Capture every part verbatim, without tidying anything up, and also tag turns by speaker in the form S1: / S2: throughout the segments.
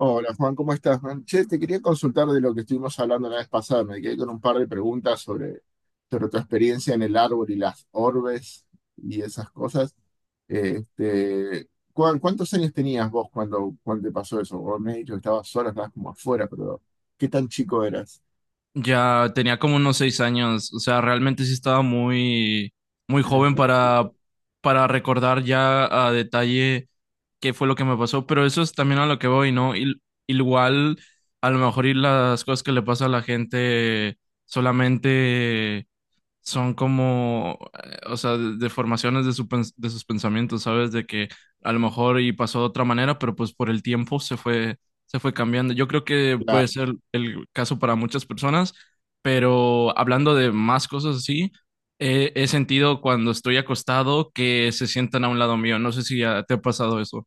S1: Hola Juan, ¿cómo estás, man? Che, te quería consultar de lo que estuvimos hablando la vez pasada. Me quedé con un par de preguntas sobre, sobre tu experiencia en el árbol y las orbes y esas cosas. Este, ¿cuán- ¿cuántos años tenías vos cuando, cuando te pasó eso? Vos me has dicho que estabas sola, estabas como afuera, pero ¿qué tan chico eras?
S2: Ya tenía como unos seis años, o sea, realmente sí estaba muy, muy
S1: Ah,
S2: joven para, para recordar ya a detalle qué fue lo que me pasó, pero eso es también a lo que voy, ¿no? Il- igual, a lo mejor y las cosas que le pasa a la gente solamente son como, eh, o sea, de- deformaciones de, su pens- de sus pensamientos, ¿sabes? De que a lo mejor y pasó de otra manera, pero pues por el tiempo se fue, se fue cambiando. Yo creo que puede
S1: claro.
S2: ser el caso para muchas personas, pero hablando de más cosas así, eh, he sentido cuando estoy acostado que se sientan a un lado mío. No sé si ya te ha pasado eso.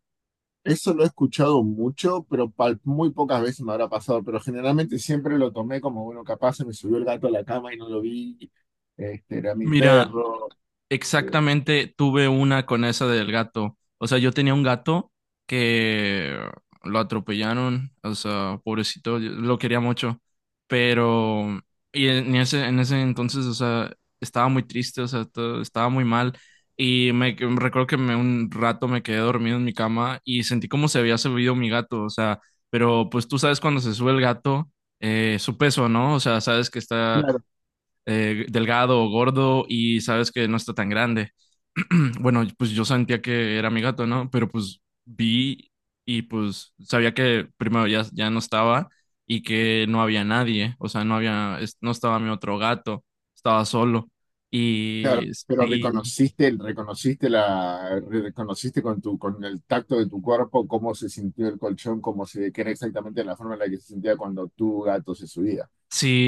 S1: Eso lo he escuchado mucho, pero pal- muy pocas veces me habrá pasado, pero generalmente siempre lo tomé como, bueno, capaz se me subió el gato a la cama y no lo vi. este, era mi
S2: Mira,
S1: perro.
S2: exactamente, tuve una con esa del gato. O sea, yo tenía un gato que lo atropellaron, o sea, pobrecito, yo lo quería mucho, pero y en ese en ese entonces, o sea, estaba muy triste, o sea, to- estaba muy mal y me que- recuerdo que me, un rato me quedé dormido en mi cama y sentí como se había subido mi gato, o sea, pero pues tú sabes cuando se sube el gato, eh, su peso, ¿no? O sea, sabes que está
S1: Claro,
S2: eh, delgado o gordo y sabes que no está tan grande. Bueno, pues yo sentía que era mi gato, ¿no? Pero pues vi y pues sabía que primero ya, ya no estaba y que no había nadie, o sea, no había, es- no estaba mi otro gato, estaba solo.
S1: claro,
S2: Y
S1: pero
S2: sí,
S1: reconociste, reconociste la, reconociste con tu, con el tacto de tu cuerpo cómo se sintió el colchón, cómo se, que era exactamente la forma en la que se sentía cuando tu gato se subía,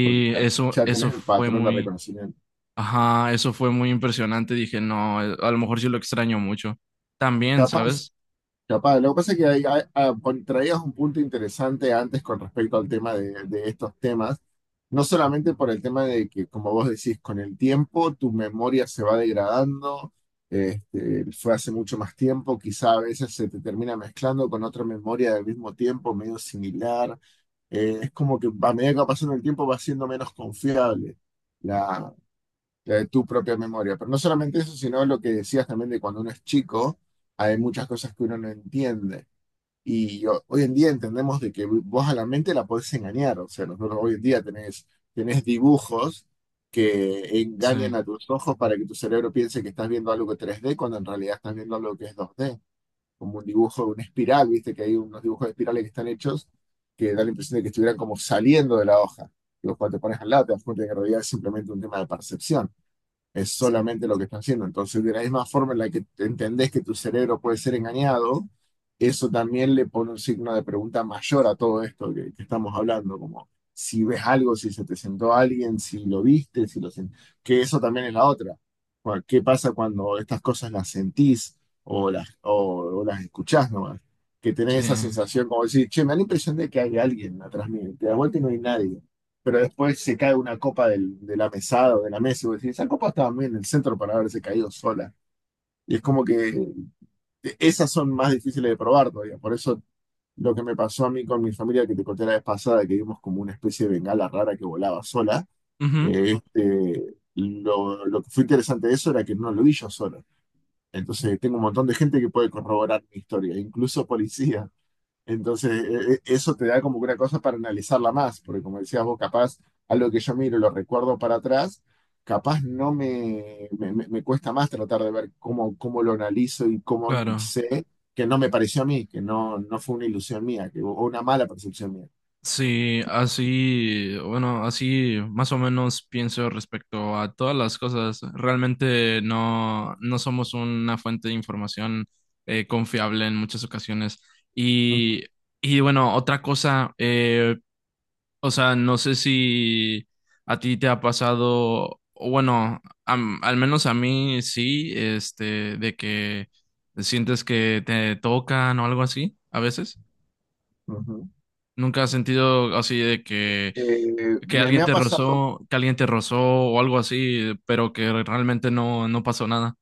S1: porque ya,
S2: eso,
S1: ya
S2: eso
S1: tenés el
S2: fue
S1: patrón de
S2: muy,
S1: reconocimiento.
S2: ajá, eso fue muy impresionante. Dije, no, eh, a lo mejor sí lo extraño mucho. También,
S1: Capaz
S2: ¿sabes?
S1: Capaz, lo que pasa es que hay- hay- ah, pon- traías un punto interesante antes con respecto al tema de, de estos temas, no solamente por el tema de que, como vos decís, con el tiempo tu memoria se va degradando. este, fue hace mucho más tiempo, quizá a veces se te termina mezclando con otra memoria del mismo tiempo, medio similar. Eh, es como que a medida que va pasando el tiempo va siendo menos confiable la, la de tu propia memoria, pero no solamente eso, sino lo que decías también de cuando uno es chico, hay muchas cosas que uno no entiende. Y ho- hoy en día entendemos de que vos a la mente la podés engañar. O sea, nosotros hoy en día tenés, tenés dibujos que
S2: Sí,
S1: engañan a tus ojos para que tu cerebro piense que estás viendo algo que es tres D cuando en realidad estás viendo algo que es dos D. Como un dibujo, una espiral, viste que hay unos dibujos de espirales que están hechos, que da la impresión de que estuvieran como saliendo de la hoja. Y vos cuando te pones al lado te das cuenta de que en realidad es simplemente un tema de percepción, es solamente lo que está haciendo. Entonces, de la misma forma en la que entendés que tu cerebro puede ser engañado, eso también le pone un signo de pregunta mayor a todo esto que, que estamos hablando, como si ves algo, si se te sentó alguien, si lo viste, si lo sen- que eso también es la otra. Cu- ¿Qué pasa cuando estas cosas las sentís o las, o, o las escuchás nomás? Que tenés
S2: sí.
S1: esa sensación como decir, che, me da la impresión de que hay alguien atrás mío, y te das vuelta y no hay nadie, pero después se cae una copa del- de la mesada o de la mesa y vos decís, esa copa estaba muy en el centro para haberse caído sola. Y es como que esas son más difíciles de probar todavía. Por eso lo que me pasó a mí con mi familia que te conté la vez pasada, que vimos como una especie de bengala rara que volaba sola,
S2: Ujú,
S1: eh, este, lo, lo que fue interesante de eso era que no lo vi yo solo. Entonces tengo un montón de gente que puede corroborar mi historia, incluso policía. Entonces, e- e- eso te da como una cosa para analizarla más, porque como decías vos, capaz algo que yo miro y lo recuerdo para atrás, capaz no me, me, me- me cuesta más tratar de ver cómo, cómo lo analizo y cómo
S2: claro.
S1: sé que no me pareció a mí, que no, no fue una ilusión mía, que, o una mala percepción mía.
S2: Sí, así, bueno, así más o menos pienso respecto a todas las cosas. Realmente no, no somos una fuente de información, eh, confiable en muchas ocasiones.
S1: Ujú,
S2: Y, y bueno, otra cosa, eh, o sea, no sé si a ti te ha pasado, o bueno, am- al menos a mí sí, este, de que sientes que te tocan o algo así a veces.
S1: ujú.
S2: ¿Nunca has sentido así de que,
S1: Eh,
S2: que
S1: me, me
S2: alguien
S1: ha
S2: te
S1: pasado,
S2: rozó, que alguien te rozó o algo así, pero que realmente no, no pasó nada?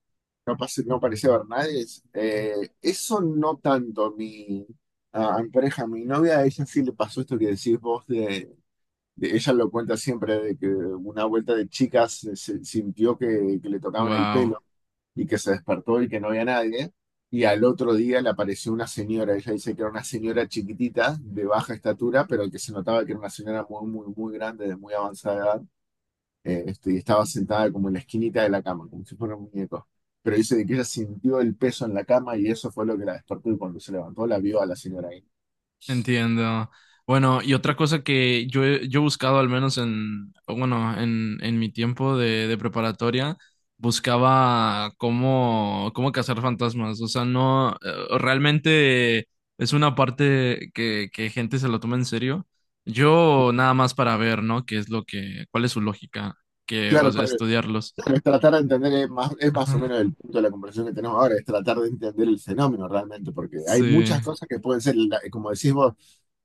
S1: capaz no parecía ver nadie, es, eh, eso no tanto. Mi, a a mi pareja, a mi novia, a ella sí le pasó esto que decís vos. De- ella lo cuenta siempre de que una vuelta de chicas se- se- sintió que, que le tocaban el pelo,
S2: Wow.
S1: y que se despertó y que no había nadie. Y al otro día le apareció una señora. Ella dice que era una señora chiquitita, de baja estatura, pero que se notaba que era una señora muy, muy, muy grande, de muy avanzada edad. Eh, este, y estaba sentada como en la esquinita de la cama, como si fuera un muñeco. Pero dice de que ella sintió el peso en la cama y eso fue lo que la despertó, y cuando se levantó la vio a la señora ahí.
S2: Entiendo. Bueno, y otra cosa que yo he, yo he buscado, al menos en, bueno, en, en mi tiempo de, de preparatoria, buscaba cómo, cómo cazar fantasmas. O sea, no, eh, realmente es una parte que, que gente se lo toma en serio. Yo nada más para ver, ¿no? ¿Qué es lo que, cuál es su lógica, que, o
S1: Claro,
S2: sea, estudiarlos.
S1: es tratar de entender. Es más, es más o menos el punto de la conversación que tenemos ahora, es tratar de entender el fenómeno realmente, porque hay
S2: Sí,
S1: muchas cosas que pueden ser, la- como decís vos,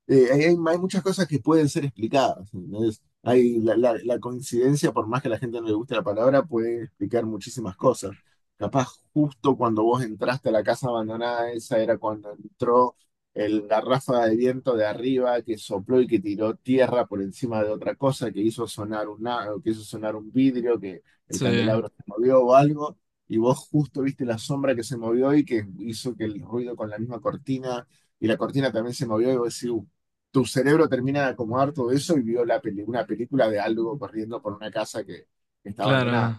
S1: eh, hay, hay- hay muchas cosas que pueden ser explicadas, ¿entendés? Hay la, la- la coincidencia, por más que a la gente no le guste la palabra, puede explicar muchísimas cosas. Capaz justo cuando vos entraste a la casa abandonada, esa era cuando entró el, la ráfaga de viento de arriba que sopló y que tiró tierra por encima de otra cosa, que hizo sonar una, que hizo sonar un vidrio, que el
S2: sí,
S1: candelabro se movió o algo, y vos justo viste la sombra que se movió y que hizo que el ruido con la misma cortina, y la cortina también se movió y vos decís, "Uh, tu cerebro termina de acomodar todo eso y vio la peli- una película de algo corriendo por una casa que, que está abandonada.
S2: claro,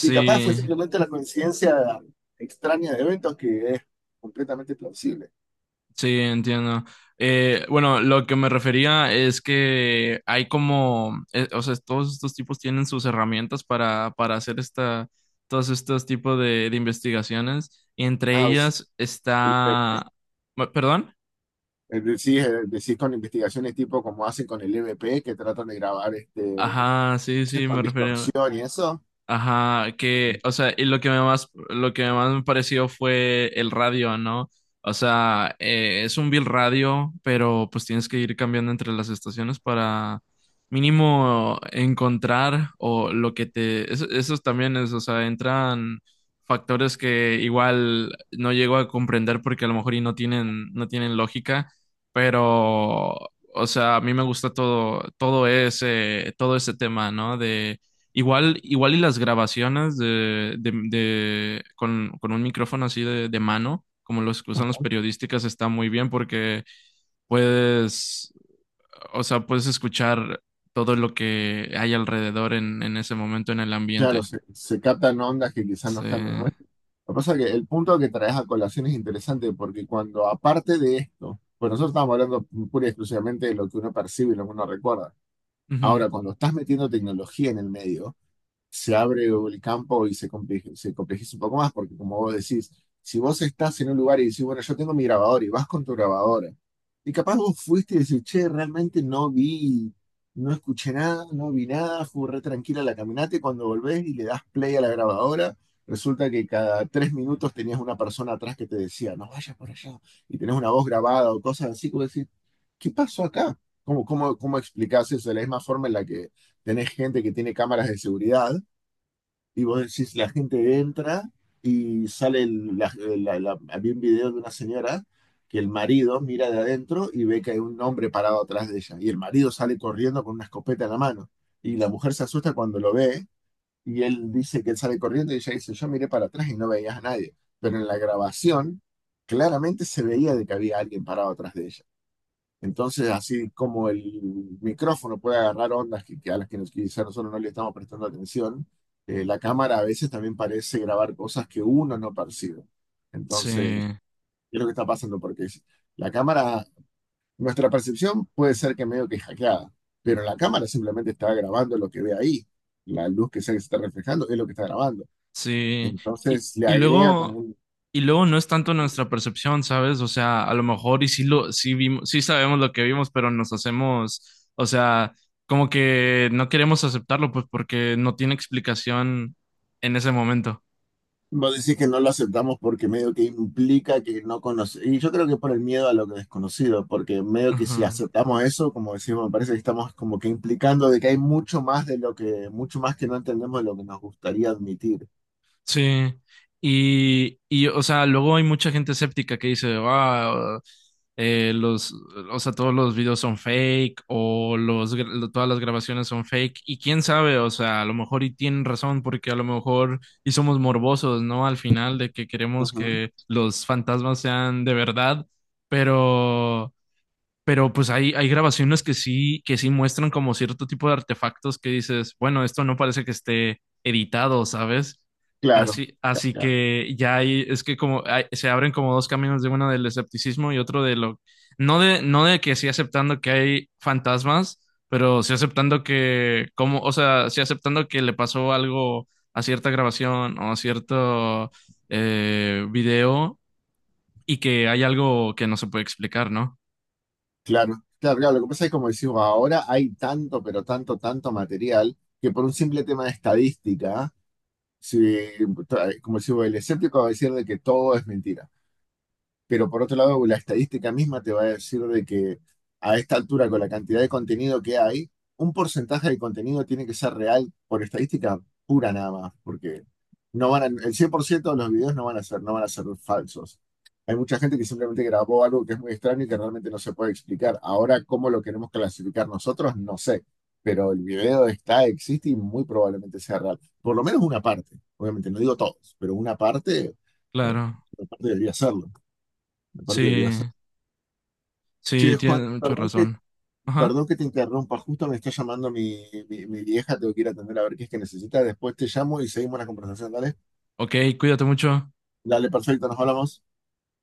S1: Y capaz fue simplemente la coincidencia extraña de eventos, que es completamente plausible.
S2: Sí, entiendo. Eh, bueno, lo que me refería es que hay como, eh, o sea, todos estos tipos tienen sus herramientas para, para hacer esta, todos estos tipos de, de investigaciones. Y entre
S1: Ah, es-
S2: ellas
S1: el E V P.
S2: está, ma- ¿perdón?
S1: eh, decís, eh, decís con investigaciones tipo como hacen con el E V P, que tratan de grabar, este,
S2: Ajá, sí, sí,
S1: con
S2: me refería.
S1: distorsión y eso.
S2: Ajá, que, o sea, y lo que me más, lo que más me pareció fue el radio, ¿no? O sea, eh, es un bill radio, pero pues tienes que ir cambiando entre las estaciones para mínimo encontrar o lo que te, eso, esos también es, o sea, entran factores que igual no llego a comprender porque a lo mejor y no tienen, no tienen lógica, pero, o sea, a mí me gusta todo, todo ese, todo ese tema, ¿no? Igual, igual y las grabaciones de, de, de- con, con un micrófono así de, de mano, como los que usan los periodísticas, está muy bien porque puedes, o sea, puedes escuchar todo lo que hay alrededor en, en ese momento en el
S1: Claro,
S2: ambiente.
S1: se, se captan ondas que quizás no
S2: Sí,
S1: están en el nuestro. Lo que pasa es que el punto que traes a colación es interesante porque cuando aparte de esto, pues nosotros estamos hablando pura y exclusivamente de lo que uno percibe y lo que uno recuerda.
S2: ujú,
S1: Ahora, cuando estás metiendo tecnología en el medio, se abre el campo y se compleje- se complejiza un poco más, porque como vos decís, si vos estás en un lugar y decís, bueno, yo tengo mi grabador y vas con tu grabadora, y capaz vos fuiste y decís, che, realmente no vi, no escuché nada, no vi nada, fue re tranquila la caminata, y cuando volvés y le das play a la grabadora, resulta que cada tres minutos tenías una persona atrás que te decía, no vayas por allá, y tenés una voz grabada o cosas así, como decís, ¿qué pasó acá? ¿Cómo, cómo, cómo explicás eso? De la misma forma en la que tenés gente que tiene cámaras de seguridad, y vos decís, la gente entra y sale, el- la, la- la- había un video de una señora que el marido mira de adentro y ve que hay un hombre parado atrás de ella. Y el marido sale corriendo con una escopeta en la mano. Y la mujer se asusta cuando lo ve, y él dice que él sale corriendo y ella dice, yo miré para atrás y no veías a nadie. Pero en la grabación claramente se veía de que había alguien parado atrás de ella. Entonces, así como el micrófono puede agarrar ondas que, que, a las que nos- quizá nosotros no le estamos prestando atención, eh, la cámara a veces también parece grabar cosas que uno no percibe.
S2: sí,
S1: Entonces, ¿qué es lo que está pasando? Porque es- la cámara, nuestra percepción puede ser que medio que hackeada, pero la cámara simplemente está grabando lo que ve ahí. La luz que se está reflejando es lo que está grabando.
S2: sí. Y,
S1: Entonces, le
S2: y
S1: agrega
S2: luego,
S1: como.
S2: y luego no es tanto nuestra percepción, ¿sabes? O sea, a lo mejor y sí lo, sí vimos, sí sabemos lo que vimos, pero nos hacemos, o sea, como que no queremos aceptarlo, pues porque no tiene explicación en ese momento.
S1: Vos decís que no lo aceptamos porque medio que implica que no conoce. Y yo creo que por el miedo a lo que desconocido, porque medio que si
S2: Ajá.
S1: aceptamos eso, como decimos, me parece que estamos como que implicando de que hay mucho más de lo que, mucho más que no entendemos de lo que nos gustaría admitir.
S2: Sí, y, y, o sea, luego hay mucha gente escéptica que dice, ah, eh, los, o sea, todos los videos son fake o los, gra- lo- todas las grabaciones son fake y quién sabe, o sea, a lo mejor y tienen razón porque a lo mejor y somos morbosos, ¿no? Al final de que queremos
S1: Ujú.
S2: que los fantasmas sean de verdad, pero pero pues hay, hay grabaciones que sí, que sí muestran como cierto tipo de artefactos que dices, bueno, esto no parece que esté editado, ¿sabes?
S1: Claro,
S2: Así, así
S1: claro,
S2: que ya hay, es que como hay- se abren como dos caminos de uno del escepticismo y otro de lo, no de, no de que sí aceptando que hay fantasmas, pero sí aceptando que, como, o sea, sí aceptando que le pasó algo a cierta grabación o a cierto, eh, video y que hay algo que no se puede explicar, ¿no?
S1: claro, claro, claro. Lo que pasa es que como decimos, ahora hay tanto, pero tanto, tanto material, que por un simple tema de estadística, si, como decimos, el escéptico va a decir de que todo es mentira. Pero por otro lado, la estadística misma te va a decir de que a esta altura, con la cantidad de contenido que hay, un porcentaje de contenido tiene que ser real por estadística pura nada más, porque no van a- el cien por ciento de los videos no van a ser, no van a ser falsos. Hay mucha gente que simplemente grabó algo que es muy extraño y que realmente no se puede explicar. Ahora, ¿cómo lo queremos clasificar nosotros? No sé, pero el video está, existe, y muy probablemente sea real. Por lo menos una parte, obviamente, no digo todos, pero una parte, eh,
S2: Claro.
S1: una parte debería serlo. Aparte deberías.
S2: Sí,
S1: Che,
S2: sí,
S1: Juan,
S2: tienes mucha
S1: perdón que,
S2: razón. Ajá.
S1: perdón que te interrumpa. Justo me está llamando mi, mi, mi vieja. Tengo que ir a atender a ver qué es que necesita. Después te llamo y seguimos la conversación, ¿dale?
S2: Ok, cuídate mucho.
S1: Dale, perfecto, nos hablamos.